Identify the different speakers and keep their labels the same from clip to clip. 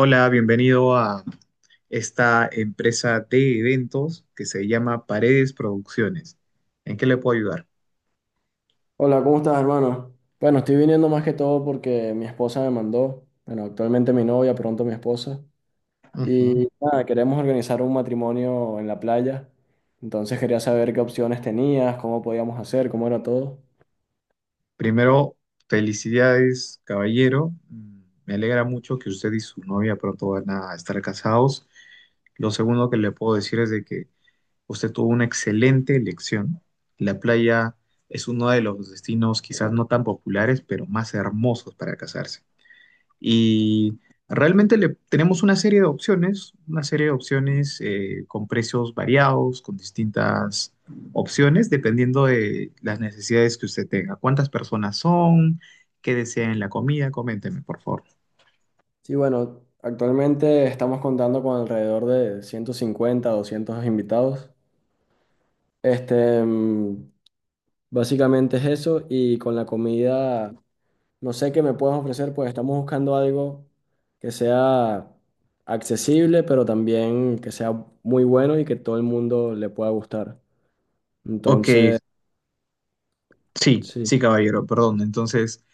Speaker 1: Hola, bienvenido a esta empresa de eventos que se llama Paredes Producciones. ¿En qué le puedo ayudar?
Speaker 2: Hola, ¿cómo estás, hermano? Bueno, estoy viniendo más que todo porque mi esposa me mandó, bueno, actualmente mi novia, pronto mi esposa,
Speaker 1: Ujú.
Speaker 2: y nada, queremos organizar un matrimonio en la playa, entonces quería saber qué opciones tenías, cómo podíamos hacer, cómo era todo.
Speaker 1: Primero, felicidades, caballero. Me alegra mucho que usted y su novia pronto van a estar casados. Lo segundo que le puedo decir es de que usted tuvo una excelente elección. La playa es uno de los destinos quizás no tan populares, pero más hermosos para casarse. Y realmente tenemos una serie de opciones, con precios variados, con distintas opciones, dependiendo de las necesidades que usted tenga. ¿Cuántas personas son? ¿Qué desean en la comida? Coménteme, por favor.
Speaker 2: Sí, bueno, actualmente estamos contando con alrededor de 150, 200 invitados. Este, mm, básicamente es eso, y con la comida. No sé qué me puedes ofrecer, pues estamos buscando algo que sea accesible, pero también que sea muy bueno y que todo el mundo le pueda gustar.
Speaker 1: Ok,
Speaker 2: Entonces,
Speaker 1: sí,
Speaker 2: sí,
Speaker 1: sí, caballero, perdón. Entonces,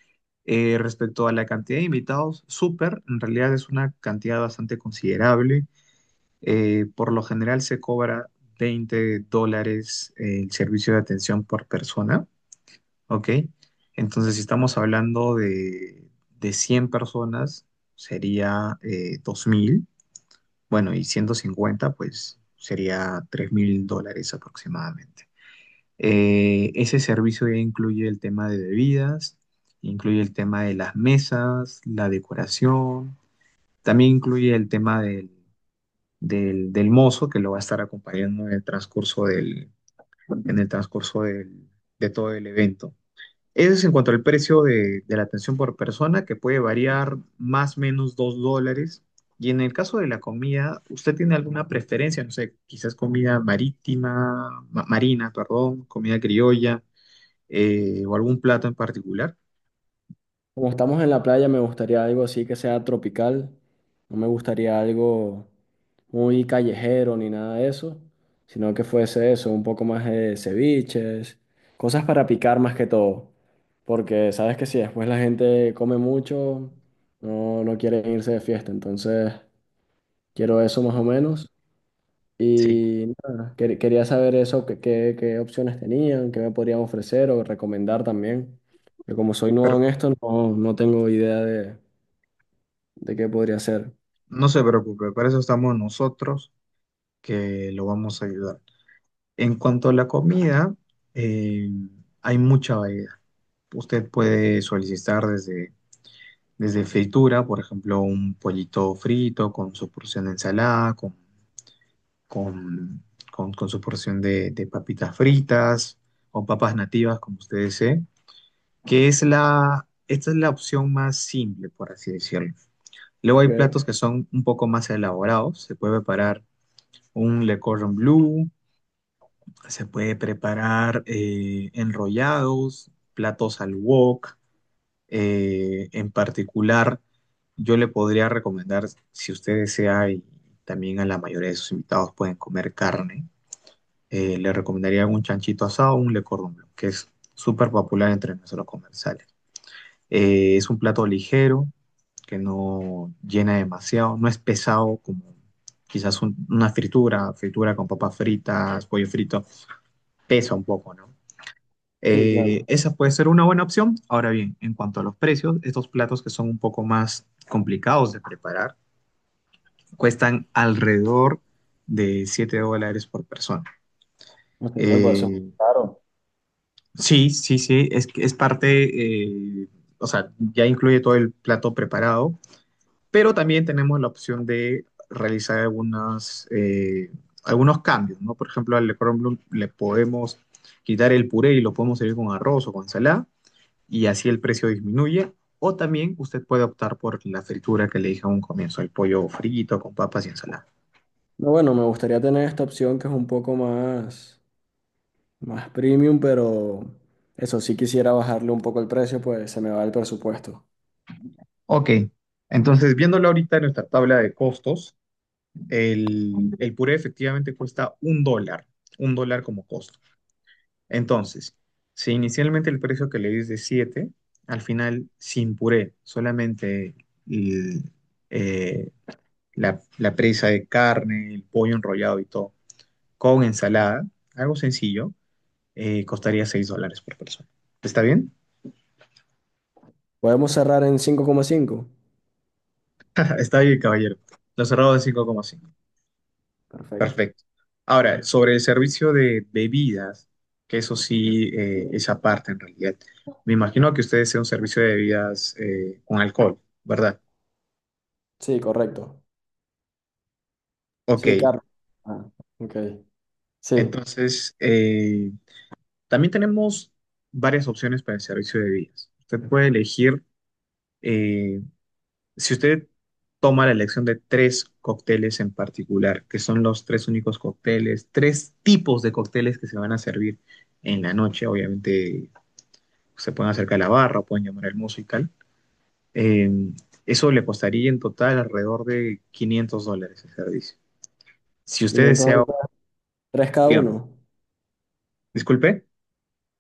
Speaker 1: respecto a la cantidad de invitados, súper, en realidad es una cantidad bastante considerable. Por lo general se cobra $20 el servicio de atención por persona. ¿Ok? Entonces, si estamos hablando de 100 personas, sería 2,000, bueno, y 150 pues sería $3,000 aproximadamente. Ese servicio ya incluye el tema de bebidas, incluye el tema de las mesas, la decoración, también incluye el tema del mozo que lo va a estar acompañando en el transcurso en el transcurso del, de todo el evento. Eso es en cuanto al precio de la atención por persona, que puede variar más o menos $2. Y en el caso de la comida, ¿usted tiene alguna preferencia? No sé, quizás comida marítima, marina, perdón, comida criolla, o algún plato en particular.
Speaker 2: como estamos en la playa, me gustaría algo así que sea tropical. No me gustaría algo muy callejero ni nada de eso, sino que fuese eso, un poco más de ceviches, cosas para picar más que todo. Porque sabes que si después la gente come mucho, no quiere irse de fiesta, entonces... Quiero eso más o menos.
Speaker 1: Sí,
Speaker 2: Y nada, quería saber eso, qué opciones tenían, qué me podrían ofrecer o recomendar también. Yo como soy nuevo
Speaker 1: pero
Speaker 2: en esto, no tengo idea de qué podría ser.
Speaker 1: no se preocupe, para eso estamos nosotros que lo vamos a ayudar. En cuanto a la comida, eh, hay mucha variedad. Usted puede solicitar desde fritura, por ejemplo, un pollito frito con su porción de ensalada, con, con su porción de papitas fritas o papas nativas, como usted desee, que es esta es la opción más simple, por así decirlo. Luego hay platos
Speaker 2: Ok.
Speaker 1: que son un poco más elaborados. Se puede preparar un le cordon bleu, se puede preparar enrollados, platos al wok. En particular, yo le podría recomendar, si usted desea, y también a la mayoría de sus invitados pueden comer carne, le recomendaría un chanchito asado o un le cordon bleu, que es súper popular entre nuestros comensales. Es un plato ligero, que no llena demasiado, no es pesado como quizás una fritura con papas fritas, pollo frito, pesa un poco, ¿no?
Speaker 2: Sí,
Speaker 1: Eh,
Speaker 2: claro.
Speaker 1: esa puede ser una buena opción. Ahora bien, en cuanto a los precios, estos platos que son un poco más complicados de preparar cuestan alrededor de $7 por persona.
Speaker 2: Pues tener, pues eso.
Speaker 1: Eh,
Speaker 2: Claro.
Speaker 1: sí, sí, sí, es parte, o sea, ya incluye todo el plato preparado, pero también tenemos la opción de realizar algunos cambios, ¿no? Por ejemplo, al Le Cordon Bleu le podemos quitar el puré y lo podemos servir con arroz o con ensalada y así el precio disminuye. O también usted puede optar por la fritura que le dije a un comienzo, el pollo frito con papas y ensalada.
Speaker 2: No, bueno, me gustaría tener esta opción que es un poco más, más premium, pero eso sí quisiera bajarle un poco el precio, pues se me va el presupuesto.
Speaker 1: Ok, entonces viéndolo ahorita en nuestra tabla de costos, el puré efectivamente cuesta $1, $1 como costo. Entonces, si inicialmente el precio que le di es de 7 al final sin puré, solamente el, eh, la presa de carne, el pollo enrollado y todo, con ensalada, algo sencillo, costaría $6 por persona. ¿Está bien?
Speaker 2: ¿Podemos cerrar en 5,5?
Speaker 1: Está bien, caballero. Lo cerrado de 5,5.
Speaker 2: Perfecto.
Speaker 1: Perfecto. Ahora, sobre el servicio de bebidas, que eso sí es aparte en realidad. Me imagino que ustedes sea un servicio de bebidas con alcohol, ¿verdad?
Speaker 2: Sí, correcto.
Speaker 1: Ok.
Speaker 2: Sí, carro. Ah, ok. Sí,
Speaker 1: Entonces, también tenemos varias opciones para el servicio de bebidas. Usted puede elegir eh, Si usted toma la elección de tres cócteles en particular, que son los tres únicos cócteles, tres tipos de cócteles que se van a servir en la noche, obviamente se pueden acercar a la barra, pueden llamar al músico y tal, eh, eso le costaría en total alrededor de $500 el servicio. Si usted
Speaker 2: quinientos
Speaker 1: desea,
Speaker 2: dólares, tres cada
Speaker 1: digamos,
Speaker 2: uno.
Speaker 1: disculpe.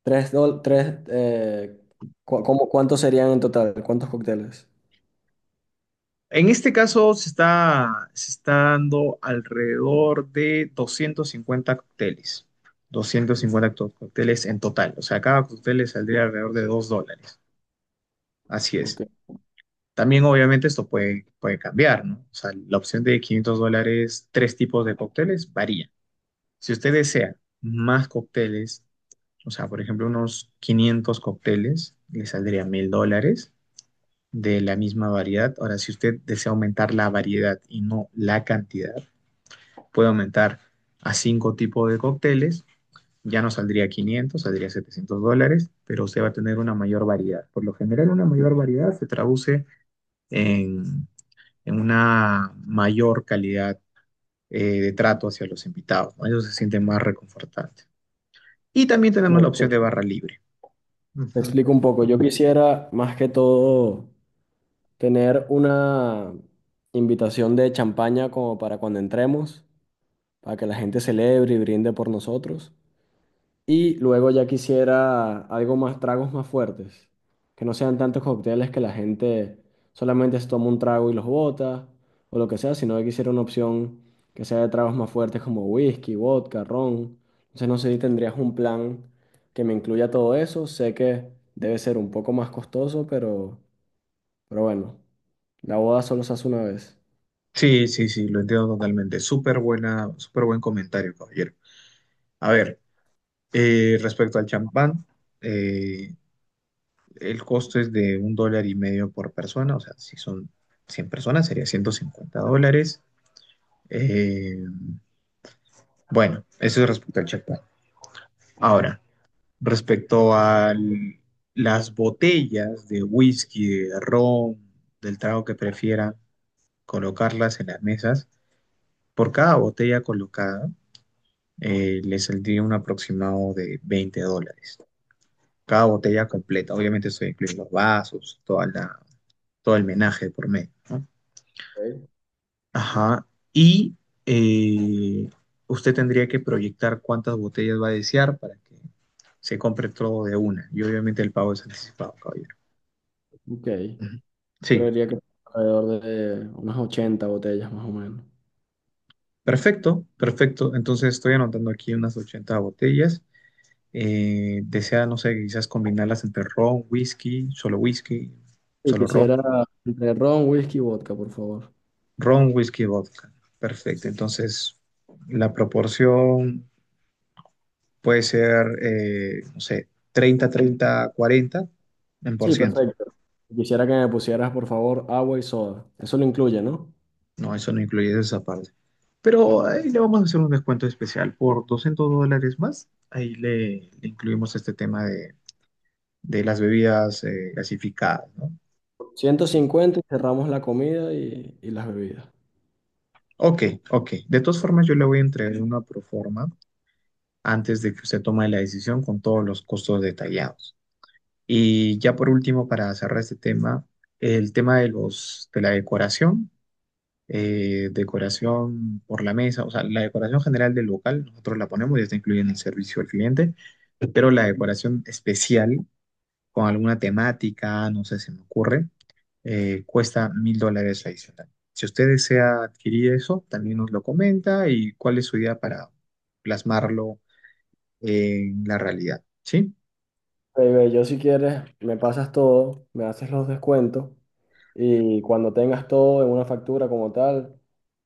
Speaker 2: Tres, dol- tres, cu- cómo- ¿Cuántos serían en total? ¿Cuántos cócteles?
Speaker 1: En este caso se está dando alrededor de 250 cócteles. 250 cócteles en total. O sea, cada cóctel le saldría alrededor de $2. Así
Speaker 2: Ok.
Speaker 1: es. También obviamente esto puede cambiar, ¿no? O sea, la opción de $500, tres tipos de cócteles, varía. Si usted desea más cócteles, o sea, por ejemplo, unos 500 cócteles, le saldría $1,000 de la misma variedad. Ahora, si usted desea aumentar la variedad y no la cantidad, puede aumentar a cinco tipos de cócteles. Ya no saldría 500, saldría $700, pero usted va a tener una mayor variedad. Por lo general, una mayor variedad se traduce en, en una mayor calidad de trato hacia los invitados. ¿No? Ellos se sienten más reconfortantes. Y también tenemos la
Speaker 2: Bueno,
Speaker 1: opción de barra libre.
Speaker 2: te
Speaker 1: Ujú.
Speaker 2: explico un poco. Yo quisiera, más que todo, tener una invitación de champaña como para cuando entremos, para que la gente celebre y brinde por nosotros. Y luego ya quisiera algo más, tragos más fuertes, que no sean tantos cócteles que la gente solamente se toma un trago y los bota, o lo que sea, sino que quisiera una opción que sea de tragos más fuertes como whisky, vodka, ron. Entonces no sé si tendrías un plan que me incluya todo eso. Sé que debe ser un poco más costoso, pero bueno, la boda solo se hace una vez.
Speaker 1: Sí, sí, sí, lo entiendo totalmente. Súper buen comentario, caballero. A ver, respecto al champán, eh, el costo es de $1.50 por persona, o sea, si son 100 personas sería $150. Eh, bueno, eso es respecto al champán. Ahora, respecto a las botellas de whisky, de ron, del trago que prefieran, colocarlas en las mesas, por cada botella colocada le saldría un aproximado de $20. Cada botella
Speaker 2: Ok.
Speaker 1: completa. Obviamente eso incluye los vasos, todo el menaje por medio, ¿no? Ajá. Y eh, usted tendría que proyectar cuántas botellas va a desear para que se compre todo de una. Y obviamente el pago es anticipado, caballero.
Speaker 2: Ok.
Speaker 1: Ujú. Sí,
Speaker 2: Creería que alrededor de unas 80 botellas más o menos.
Speaker 1: perfecto, perfecto. Entonces estoy anotando aquí unas 80 botellas. Desea, no sé, quizás combinarlas entre ron, whisky,
Speaker 2: Y
Speaker 1: solo ron,
Speaker 2: quisiera entre ron, whisky y vodka, por favor.
Speaker 1: Ron, whisky, vodka. Perfecto.
Speaker 2: Sí.
Speaker 1: Entonces, la proporción puede ser, no sé, 30 30 40 en por
Speaker 2: Sí,
Speaker 1: ciento.
Speaker 2: perfecto. Y quisiera que me pusieras, por favor, agua y soda. Eso lo incluye, ¿no?
Speaker 1: No, eso no incluye esa parte. Pero ahí le vamos a hacer un descuento especial por $200 más. Ahí le incluimos este tema de las bebidas gasificadas, ¿no?
Speaker 2: Ciento
Speaker 1: Sí.
Speaker 2: cincuenta y cerramos la comida y las bebidas.
Speaker 1: Ok, ok. De todas formas, yo le voy a entregar una proforma antes de que usted tome la decisión con todos los costos detallados. Y ya por último, para cerrar este tema, el tema de la decoración, decoración por la mesa, o sea, la decoración general del local, nosotros la ponemos, ya está incluida en el servicio al cliente, pero la decoración especial con alguna temática, no sé, se me ocurre, cuesta $1,000 adicional. Si usted desea adquirir eso, también nos lo comenta y cuál es su idea para plasmarlo en la realidad, ¿sí?
Speaker 2: Baby, yo si quieres, me pasas todo, me haces los descuentos y cuando tengas todo en una factura como tal,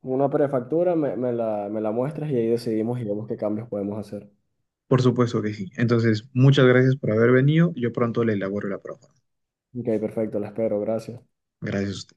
Speaker 2: una prefactura, me la muestras y ahí decidimos y vemos qué cambios podemos hacer.
Speaker 1: Por supuesto que sí. Entonces, muchas gracias por haber venido. Yo pronto le elaboro la propuesta.
Speaker 2: Ok, perfecto, la espero, gracias.
Speaker 1: Gracias a usted.